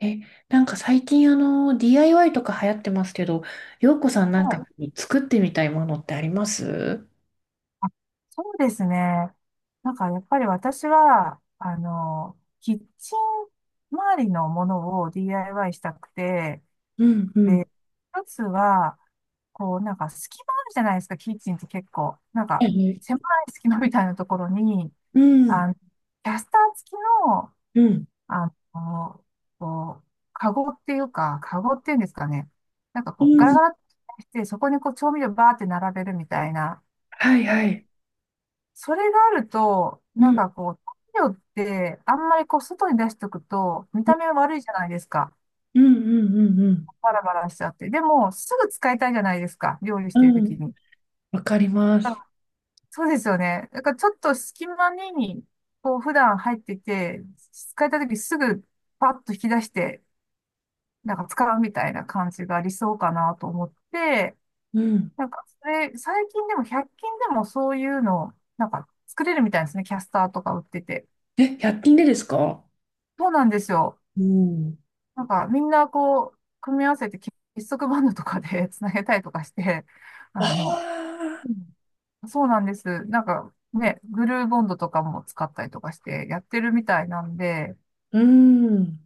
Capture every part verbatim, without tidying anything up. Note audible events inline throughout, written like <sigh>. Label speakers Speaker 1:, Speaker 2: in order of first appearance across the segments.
Speaker 1: え、なんか最近あの、ディーアイワイ とか流行ってますけど、洋子さんな
Speaker 2: は
Speaker 1: んか
Speaker 2: い。
Speaker 1: 作ってみたいものってあります？
Speaker 2: あ、そうですね。なんかやっぱり私は、あの、キッチン周りのものを ディーアイワイ したくて、
Speaker 1: うんうん。
Speaker 2: で、一つは、こうなんか隙間あるじゃないですか、キッチンって結構。なんか
Speaker 1: え
Speaker 2: 狭い隙間みたいなところに、
Speaker 1: うん、
Speaker 2: あの、キャスター付きの、
Speaker 1: うん、
Speaker 2: あの、こう、カゴっていうか、カゴっていうんですかね。なんか
Speaker 1: う
Speaker 2: こう、ガラ
Speaker 1: ん。
Speaker 2: ガラってして、そこにこう調味料バーって並べるみたいな、
Speaker 1: はいはい。
Speaker 2: それがあると、
Speaker 1: う
Speaker 2: なん
Speaker 1: ん、
Speaker 2: かこう、太陽ってあんまりこう外に出しとくと見
Speaker 1: うん、
Speaker 2: た目悪いじゃないですか。
Speaker 1: うん、うん、うん。
Speaker 2: バラバラしちゃって。でも、すぐ使いたいじゃないですか。料理し
Speaker 1: う
Speaker 2: てるとき
Speaker 1: ん、
Speaker 2: に。
Speaker 1: わかりま
Speaker 2: だか
Speaker 1: す。
Speaker 2: らそうですよね。だからちょっと隙間に、こう普段入ってて、使いたいときすぐパッと引き出して、なんか使うみたいな感じが理想かなと思って、
Speaker 1: うん。
Speaker 2: なんかそれ、最近でもひゃっ均でもそういうの、なんか作れるみたいですね。キャスターとか売ってて。
Speaker 1: え、ひゃっ均でですか？
Speaker 2: そうなんですよ。
Speaker 1: うん。
Speaker 2: なんかみんなこう、組み合わせて結束バンドとかで <laughs> つなげたりとかして、
Speaker 1: わ
Speaker 2: あの、
Speaker 1: あ、
Speaker 2: うんそうなんです。なんかね、グルーボンドとかも使ったりとかしてやってるみたいなんで、
Speaker 1: うん。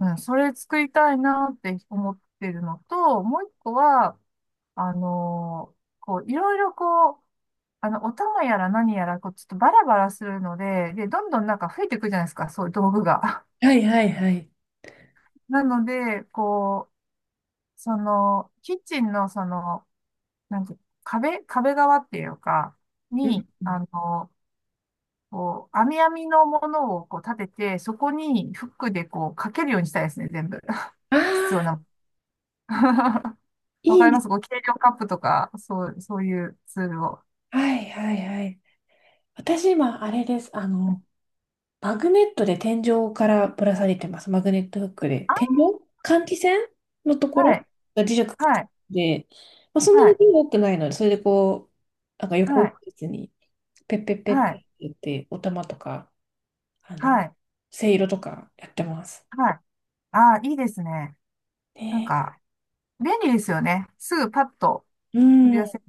Speaker 2: うん、それ作りたいなって思ってるのと、もう一個は、あのこう、いろいろこう、あの、お玉やら何やら、こう、ちょっとバラバラするので、で、どんどんなんか増えていくじゃないですか、そういう道具が。
Speaker 1: はいはいはい。
Speaker 2: <laughs> なので、こう、その、キッチンのその、なんか壁、壁側っていうか、
Speaker 1: うん。
Speaker 2: に、あの、こう、網網のものをこう立てて、そこにフックでこうかけるようにしたいですね、全部。<laughs>
Speaker 1: あ
Speaker 2: 必要
Speaker 1: あ、
Speaker 2: な。<laughs> わか
Speaker 1: いい
Speaker 2: りま
Speaker 1: で
Speaker 2: すこう、
Speaker 1: す。
Speaker 2: 計量カップとか、そう、そういうツールを。
Speaker 1: はいはいはい。私今、あれです。あの、マグネットで天井からぶら下げてます。マグネットフックで。
Speaker 2: あ、
Speaker 1: 天井換気扇のとこ
Speaker 2: は
Speaker 1: ろ
Speaker 2: い、
Speaker 1: が磁石くっつ
Speaker 2: はい、
Speaker 1: いてて、まあ、そんな
Speaker 2: は
Speaker 1: に
Speaker 2: い、
Speaker 1: 多くないので、それでこう、なんか
Speaker 2: は
Speaker 1: 横一
Speaker 2: い、
Speaker 1: 列に、ペッペッペ
Speaker 2: は
Speaker 1: ッペッ
Speaker 2: い、
Speaker 1: って言って、お玉とか、あ
Speaker 2: は
Speaker 1: の、
Speaker 2: い、
Speaker 1: せいろとかやってます。
Speaker 2: はい。ああ、いいですね。なん
Speaker 1: ね
Speaker 2: か、便利ですよね。すぐパッと
Speaker 1: え、う
Speaker 2: 飛
Speaker 1: ん。
Speaker 2: び
Speaker 1: うん
Speaker 2: 出せ、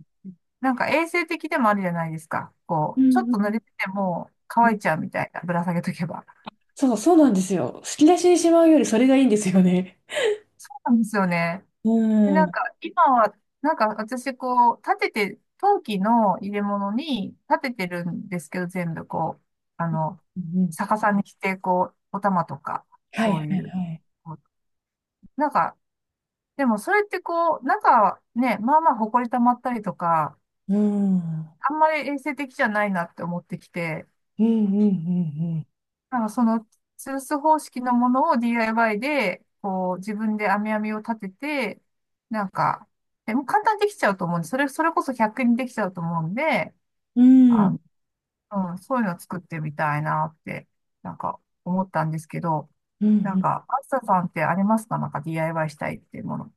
Speaker 2: なんか衛生的でもあるじゃないですか。こ
Speaker 1: う
Speaker 2: う、ちょっと
Speaker 1: ん
Speaker 2: 濡れてても
Speaker 1: うん。
Speaker 2: 乾いちゃうみたいな、ぶら下げとけば。
Speaker 1: そう、そうなんですよ。引き出しにしまうよりそれがいいんですよね。
Speaker 2: そうなんですよね。
Speaker 1: う
Speaker 2: で、
Speaker 1: ん。う
Speaker 2: なん
Speaker 1: ん
Speaker 2: か今は、なんか私こう、立てて、陶器の入れ物に立ててるんですけど、全部こう、あの、
Speaker 1: うん。
Speaker 2: 逆さにして、こう、お玉とか、
Speaker 1: はい
Speaker 2: そ
Speaker 1: は
Speaker 2: うい
Speaker 1: い
Speaker 2: う、
Speaker 1: はい。
Speaker 2: こうなんか、でもそれってこう、中はね、まあまあ埃溜まったりとか、
Speaker 1: うん。うん
Speaker 2: あんまり衛生的じゃないなって思ってきて、
Speaker 1: うんうん
Speaker 2: なんかその、吊るす方式のものを ディーアイワイ で、こう、自分で編み編みを立てて、なんか、でも簡単にできちゃうと思うんで、それ、それこそひゃっ均にできちゃうと思うんで、
Speaker 1: うん。う
Speaker 2: あ
Speaker 1: ん。
Speaker 2: の、うん、そういうのを作ってみたいなって、なんか思ったんですけど、
Speaker 1: うんう
Speaker 2: なん
Speaker 1: ん。
Speaker 2: か、あずささんってありますかなんか ディーアイワイ したいっていうもの。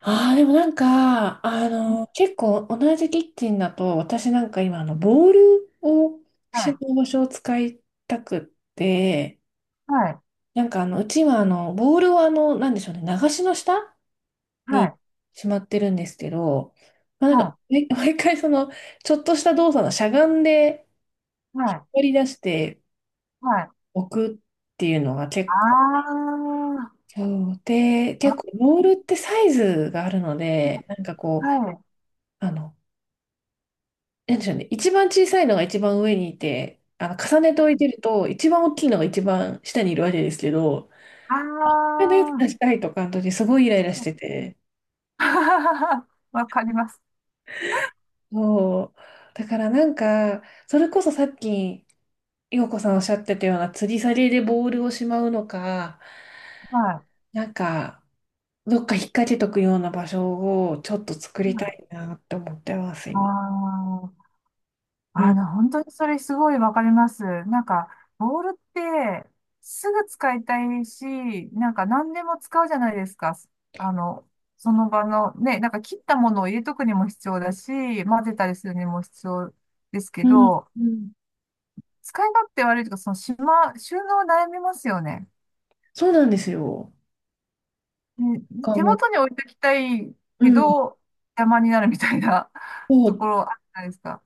Speaker 1: ああ、でもなんか、あの、結構同じキッチンだと、私なんか今、あの、ボールを、
Speaker 2: は
Speaker 1: 集
Speaker 2: い、
Speaker 1: 合場所を使いたくって、
Speaker 2: はい、
Speaker 1: なんかあの、うちはあの、ボールをあの、なんでしょうね、流しの下
Speaker 2: は
Speaker 1: に
Speaker 2: い、
Speaker 1: しまってるんですけど、まあ、なんか、
Speaker 2: は
Speaker 1: ね <laughs> 毎回その、ちょっとした動作のしゃがんで、
Speaker 2: い、
Speaker 1: 引
Speaker 2: は
Speaker 1: っ
Speaker 2: い、
Speaker 1: 張り出して
Speaker 2: はい。
Speaker 1: おくっていうのが
Speaker 2: あ
Speaker 1: 結構、
Speaker 2: ー、
Speaker 1: そうで、結
Speaker 2: あ
Speaker 1: 構、ボールってサイズがあるので、なんかこう、
Speaker 2: はい、はい
Speaker 1: あの、なんでしょうね。一番小さいのが一番上にいて、あの、重ねて置いてると、一番大きいのが一番下にいるわけですけど、
Speaker 2: あ
Speaker 1: そのやつ出したいとかの時、すごいイライラし
Speaker 2: ー、
Speaker 1: てて。
Speaker 2: <laughs> わかります。
Speaker 1: そう。だからなんか、それこそさっき、陽子さんおっしゃってたような、吊り下げでボールをしまうのか、
Speaker 2: は
Speaker 1: なんか、どっか引っ掛けとくような場所をちょっと作
Speaker 2: い。
Speaker 1: りた
Speaker 2: は
Speaker 1: い
Speaker 2: い、
Speaker 1: なって思ってます、
Speaker 2: あ
Speaker 1: 今。
Speaker 2: あ、
Speaker 1: う
Speaker 2: あ
Speaker 1: ん。
Speaker 2: の、本当にそれすごいわかります。なんか、ボールってすぐ使いたいし、なんか何でも使うじゃないですか。あの、その場のね、なんか切ったものを入れとくにも必要だし、混ぜたりするにも必要ですけ
Speaker 1: うん。
Speaker 2: ど、
Speaker 1: うん。
Speaker 2: 使い勝手悪いとか、そのしま、収納悩みますよね。
Speaker 1: そうなんですよ。
Speaker 2: ね
Speaker 1: か
Speaker 2: 手
Speaker 1: も
Speaker 2: 元に置いときたい
Speaker 1: う。う
Speaker 2: け
Speaker 1: ん。
Speaker 2: ど、邪魔になるみたいな <laughs>
Speaker 1: そ
Speaker 2: とこ
Speaker 1: う。
Speaker 2: ろあるじゃないですか。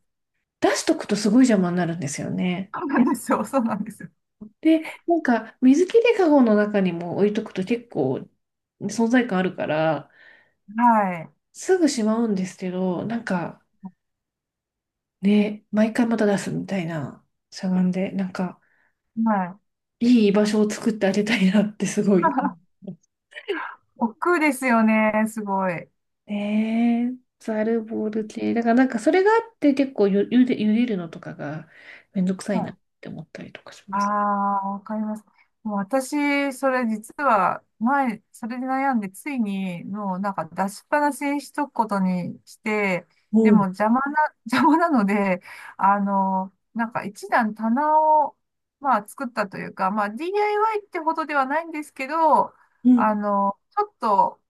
Speaker 1: 出しとくとすごい邪魔になるんですよね。
Speaker 2: そうなんですよ。<laughs> そうなんですよ。
Speaker 1: で、なんか水切りかごの中にも置いとくと結構存在感あるから、
Speaker 2: はい。
Speaker 1: すぐしまうんですけど、なんかね、毎回また出すみたいな、しゃがんで、なんか
Speaker 2: はい。
Speaker 1: いい居場所を作ってあげたいなってすごい。
Speaker 2: <laughs> 億劫ですよね。すごい。
Speaker 1: ねえ、ザルボール系。だからなんかそれがあって結構ゆ、ゆで、茹でるのとかがめんどくさい
Speaker 2: は
Speaker 1: な
Speaker 2: い。
Speaker 1: って思ったりとかし
Speaker 2: あ
Speaker 1: ます。
Speaker 2: あ、わかります。もう私、それ実は前、それで悩んで、ついに、もうなんか出しっぱなしにしとくことにして、
Speaker 1: お
Speaker 2: でも
Speaker 1: う、
Speaker 2: 邪魔な、<laughs> 邪魔なので、あの、なんか一段棚を、まあ作ったというか、まあ ディーアイワイ ってほどではないんですけど、
Speaker 1: うん、
Speaker 2: あの、ちょっと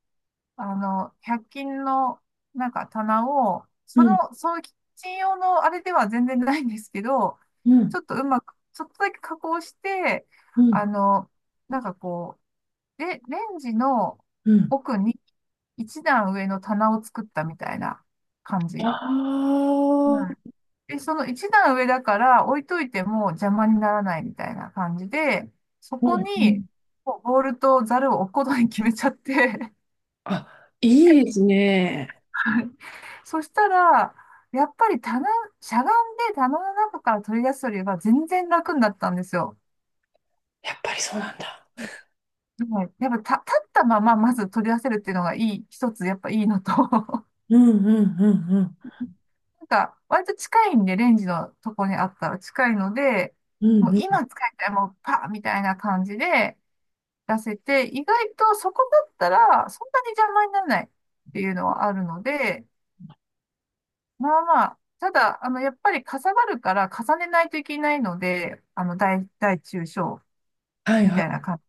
Speaker 2: あの、ひゃっ均のなんか棚を、そ
Speaker 1: うん、
Speaker 2: の、そのキッチン用のあれでは全然ないんですけど、
Speaker 1: うん、
Speaker 2: ちょっとうまく、ちょっとだけ加工して、
Speaker 1: うん、
Speaker 2: あの、なんかこう、レ、レンジの
Speaker 1: うん。
Speaker 2: 奥に一段上の棚を作ったみたいな感
Speaker 1: あ
Speaker 2: じ。
Speaker 1: あ、
Speaker 2: うん。で、その一段上だから置いといても邪魔にならないみたいな感じで、そ
Speaker 1: う
Speaker 2: こ
Speaker 1: んうん。
Speaker 2: にもうボールとザルを置くことに決めちゃって
Speaker 1: あ、いいですね。
Speaker 2: <laughs> そしたら、やっぱり棚、しゃがんで棚の中から取り出すよりは全然楽になったんですよ。
Speaker 1: やっぱりそうなんだ。
Speaker 2: はい、やっぱた立ったまままず取り出せるっていうのがいい、一つやっぱいいのと、<laughs>
Speaker 1: うんうんうんうん。
Speaker 2: なんか割と近いんで、レンジのとこにあったら近いので、
Speaker 1: う
Speaker 2: も
Speaker 1: ん
Speaker 2: う
Speaker 1: うん。
Speaker 2: 今使いたい、もうパーみたいな感じで出せて、意外とそこだったらそんなに邪魔にならないっていうのはあるので、まあまあ、ただ、あの、やっぱりかさばるから重ねないといけないので、あの、大、大中小
Speaker 1: はい
Speaker 2: み
Speaker 1: は
Speaker 2: たいな
Speaker 1: い。
Speaker 2: 感じ。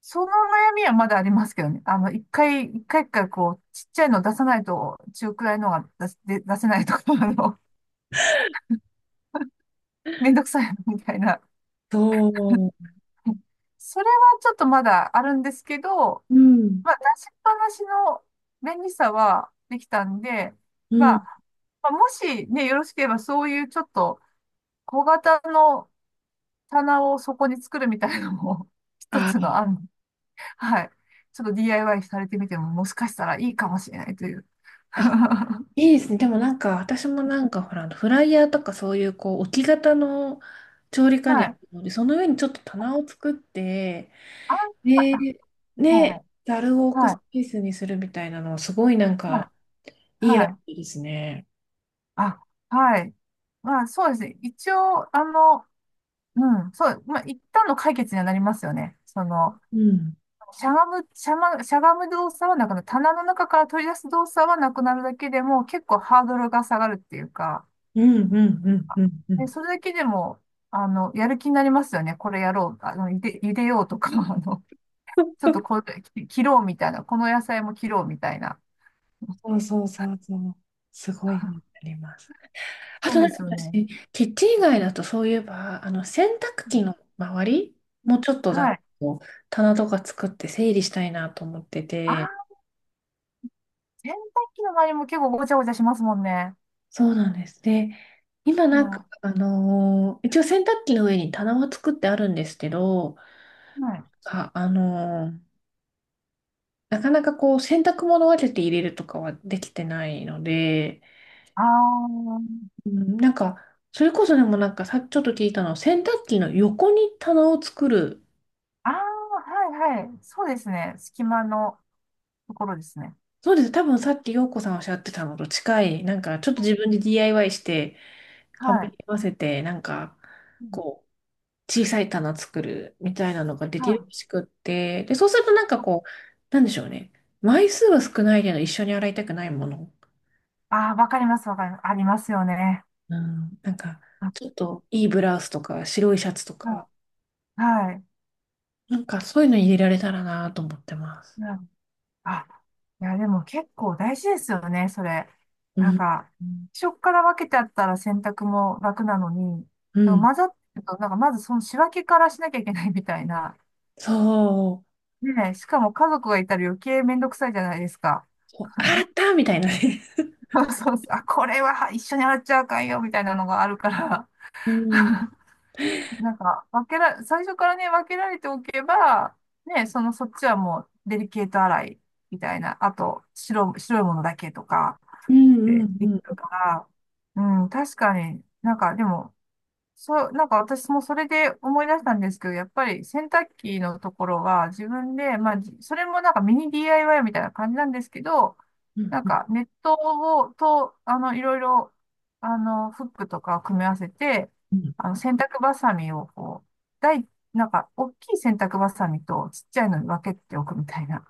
Speaker 2: その悩みはまだありますけどね。あの、一回、一回一回こう、ちっちゃいの出さないと、中くらいのが出せ、で出せないとか、<laughs> あの、<laughs> めんどくさいみたいな。
Speaker 1: そう。
Speaker 2: それはちょっとまだあるんですけど、
Speaker 1: うん
Speaker 2: まあ、出しっぱなしの便利さはできたんで、
Speaker 1: う
Speaker 2: ま
Speaker 1: ん。
Speaker 2: あ、まあ、もしね、よろしければそういうちょっと小型の棚をそこに作るみたいのも <laughs> 一
Speaker 1: あ
Speaker 2: つ
Speaker 1: ー、
Speaker 2: の案。はい。ちょっと ディーアイワイ されてみてももしかしたらいいかもしれないという。<laughs>
Speaker 1: あ、
Speaker 2: は
Speaker 1: いいですね。でもなんか、私もなんか、ほら、あのフライヤーとかそういう、こう、置き型の調理家電ある
Speaker 2: い。
Speaker 1: ので、その上にちょっと棚を作って、
Speaker 2: あ、あ
Speaker 1: で、
Speaker 2: は
Speaker 1: ね、
Speaker 2: い。
Speaker 1: ざるを置く
Speaker 2: は
Speaker 1: ス
Speaker 2: い。
Speaker 1: ペースにするみたいなのは、すごいなん
Speaker 2: はい。
Speaker 1: か、いいアイ
Speaker 2: はい。
Speaker 1: デアですね。
Speaker 2: あ、はい。まあそうですね。一応、あの、うん、そう、まあ一旦の解決にはなりますよね。その、
Speaker 1: うん。
Speaker 2: しゃがむ、しゃま、しゃがむ動作はなくなる。棚の中から取り出す動作はなくなるだけでも結構ハードルが下がるっていうか、
Speaker 1: うんうんうんうんう
Speaker 2: で、
Speaker 1: ん。
Speaker 2: それだけでも、あの、やる気になりますよね。これやろう。あの、ゆで、ゆでようとか、<laughs> あの、ちょっとこれ、き切ろうみたいな。この野菜も切ろうみたいな。
Speaker 1: そうそうそうそう。すごいにな
Speaker 2: <laughs>
Speaker 1: ります。あ
Speaker 2: そ
Speaker 1: と
Speaker 2: う
Speaker 1: な
Speaker 2: で
Speaker 1: んか
Speaker 2: すよね。
Speaker 1: 私、キッチン以外だとそういえば、あの洗濯機の周りもうちょっとだ
Speaker 2: はい。
Speaker 1: こう棚とか作って整理したいなと思って
Speaker 2: あ
Speaker 1: て、
Speaker 2: あ、洗濯機の周りも結構ごちゃごちゃしますもんね。
Speaker 1: そうなんです。で、今
Speaker 2: うん
Speaker 1: なんか、
Speaker 2: は
Speaker 1: あのー一応洗濯機の上に棚は作ってあるんですけど、
Speaker 2: い。
Speaker 1: あ、あのーなかなかこう洗濯物を分けて入れるとかはできてないので、
Speaker 2: ああ、
Speaker 1: うん、なんか、それこそでもなんかさ、ちょっと聞いたのは、洗濯機の横に棚を作る。
Speaker 2: ああ、はいはい。そうですね。隙間のところですね。
Speaker 1: そうです。多分さっき陽子さんおっしゃってたのと近い、なんかちょっと自分で ディーアイワイ して、
Speaker 2: は
Speaker 1: 幅に
Speaker 2: い。
Speaker 1: 合わせて、なんか、
Speaker 2: うん
Speaker 1: こう、小さい棚作るみたいなのがで
Speaker 2: は
Speaker 1: きる
Speaker 2: い。
Speaker 1: らしくって、で、そうするとなんかこう、なんでしょうね。枚数は少ないけど、一緒に洗いたくないもの。
Speaker 2: ああ、わかります、わかります。ありますよね。
Speaker 1: うん、なんか、
Speaker 2: あ
Speaker 1: ちょっといいブラウスとか、白いシャツとか、
Speaker 2: はい。はい。
Speaker 1: なんかそういうの入れられたらなと思ってます。
Speaker 2: あ、いや、でも結構大事ですよね、それ。
Speaker 1: う
Speaker 2: なん
Speaker 1: ん。
Speaker 2: か、最初から分けてあったら洗濯も楽なのに、
Speaker 1: う
Speaker 2: でも
Speaker 1: ん。
Speaker 2: 混ざってると、なんかまずその仕分けからしなきゃいけないみたいな。
Speaker 1: そ
Speaker 2: ねえ、しかも家族がいたら余計めんどくさいじゃないですか。
Speaker 1: う。こうあーあったみたいなね。
Speaker 2: <laughs> そうそう、あ、これは一緒に洗っちゃあかんよ、みたいなのがあるから。
Speaker 1: <laughs> うん。
Speaker 2: <laughs> なんか、分けら、最初からね、分けられておけば、ねえ、その、そっちはもう、デリケート洗いみたいな、あと、白、白いものだけとか、
Speaker 1: うん
Speaker 2: っ
Speaker 1: うんう
Speaker 2: てでき
Speaker 1: ん
Speaker 2: るから、うん、確かに、なんかでも、そう、なんか私もそれで思い出したんですけど、やっぱり洗濯機のところは自分で、まあ、じそれもなんかミニ ディーアイワイ みたいな感じなんですけど、
Speaker 1: うん
Speaker 2: なん
Speaker 1: うん
Speaker 2: かネットを、と、あの、いろいろ、あの、フックとかを組み合わせて、
Speaker 1: うん。
Speaker 2: あの、洗濯バサミをこう、大、なんか、大きい洗濯バサミとちっちゃいのに分けておくみたいな。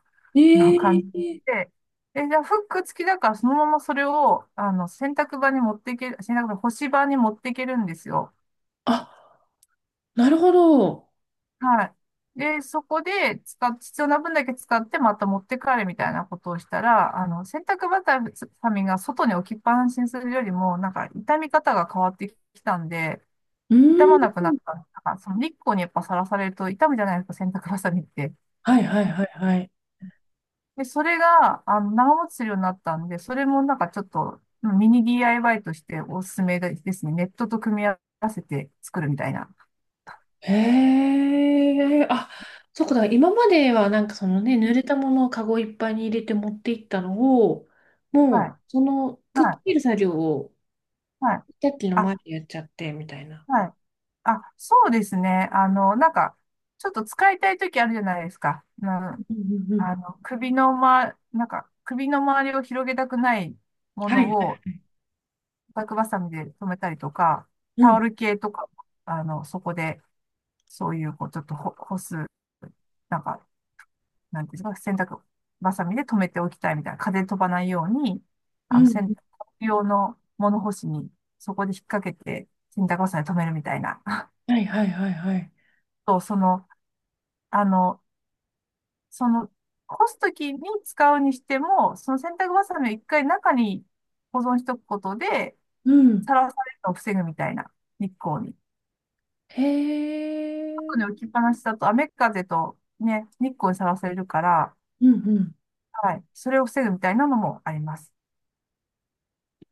Speaker 2: の感
Speaker 1: え
Speaker 2: じ
Speaker 1: え
Speaker 2: で、で、じゃあフック付きだからそのままそれを、あの、洗濯場に持っていける、洗濯場、干し場に持っていけるんですよ。
Speaker 1: あ、なるほど。
Speaker 2: はい。で、そこで使っ、必要な分だけ使ってまた持って帰るみたいなことをしたら、あの、洗濯バサミが外に置きっぱなしにするよりも、なんか傷み方が変わってきたんで、
Speaker 1: う
Speaker 2: 傷
Speaker 1: ん。
Speaker 2: まなくなった。なんかその日光にやっぱさらされると傷むじゃないですか、洗濯バサミって。
Speaker 1: はいはいはいはい。
Speaker 2: で、それが、あの、長持ちするようになったんで、それもなんかちょっと、うんミニ ディーアイワイ としておすすめですね。ネットと組み合わせて作るみたいな。
Speaker 1: へえ。あ、そうか。だから今まではなんかそのね、
Speaker 2: う
Speaker 1: 濡
Speaker 2: ん
Speaker 1: れたものをカゴいっぱいに入れて持っていったのを、
Speaker 2: は
Speaker 1: もう
Speaker 2: い、
Speaker 1: そのくっつ
Speaker 2: はい、
Speaker 1: ける作業を
Speaker 2: はい。
Speaker 1: さっきの
Speaker 2: あ、
Speaker 1: 前でやっちゃってみたいな。
Speaker 2: はい。あ、そうですね。あの、なんか、ちょっと使いたい時あるじゃないですか。
Speaker 1: う
Speaker 2: な
Speaker 1: んうんうん。
Speaker 2: あの、首のま、なんか、首の周りを広げたくないも
Speaker 1: はい
Speaker 2: の
Speaker 1: はい。
Speaker 2: を、バックバサミで留めたりとか、
Speaker 1: う
Speaker 2: タ
Speaker 1: ん
Speaker 2: オル系とか、あの、そこでそういう、こう、ちょっとほ干す、なんか、なんていうんですか、洗濯バサミで留めておきたいみたいな、風飛ばないように、
Speaker 1: う
Speaker 2: あの、
Speaker 1: ん。
Speaker 2: 洗濯用の物干しに、そこで引っ掛けて、洗濯バサミで留めるみたいな。<laughs>
Speaker 1: はいはいはいはい。
Speaker 2: と、その、あの、その、干すときに使うにしても、その洗濯バサミを一回中に保存しとくことで、
Speaker 1: うん。
Speaker 2: さらされるのを防ぐみたいな、日光に。
Speaker 1: へ
Speaker 2: 後に
Speaker 1: え。
Speaker 2: 置きっぱなしだと雨風とね、日光にさらされるから、
Speaker 1: うんうん。
Speaker 2: はい。それを防ぐみたいなのもあります。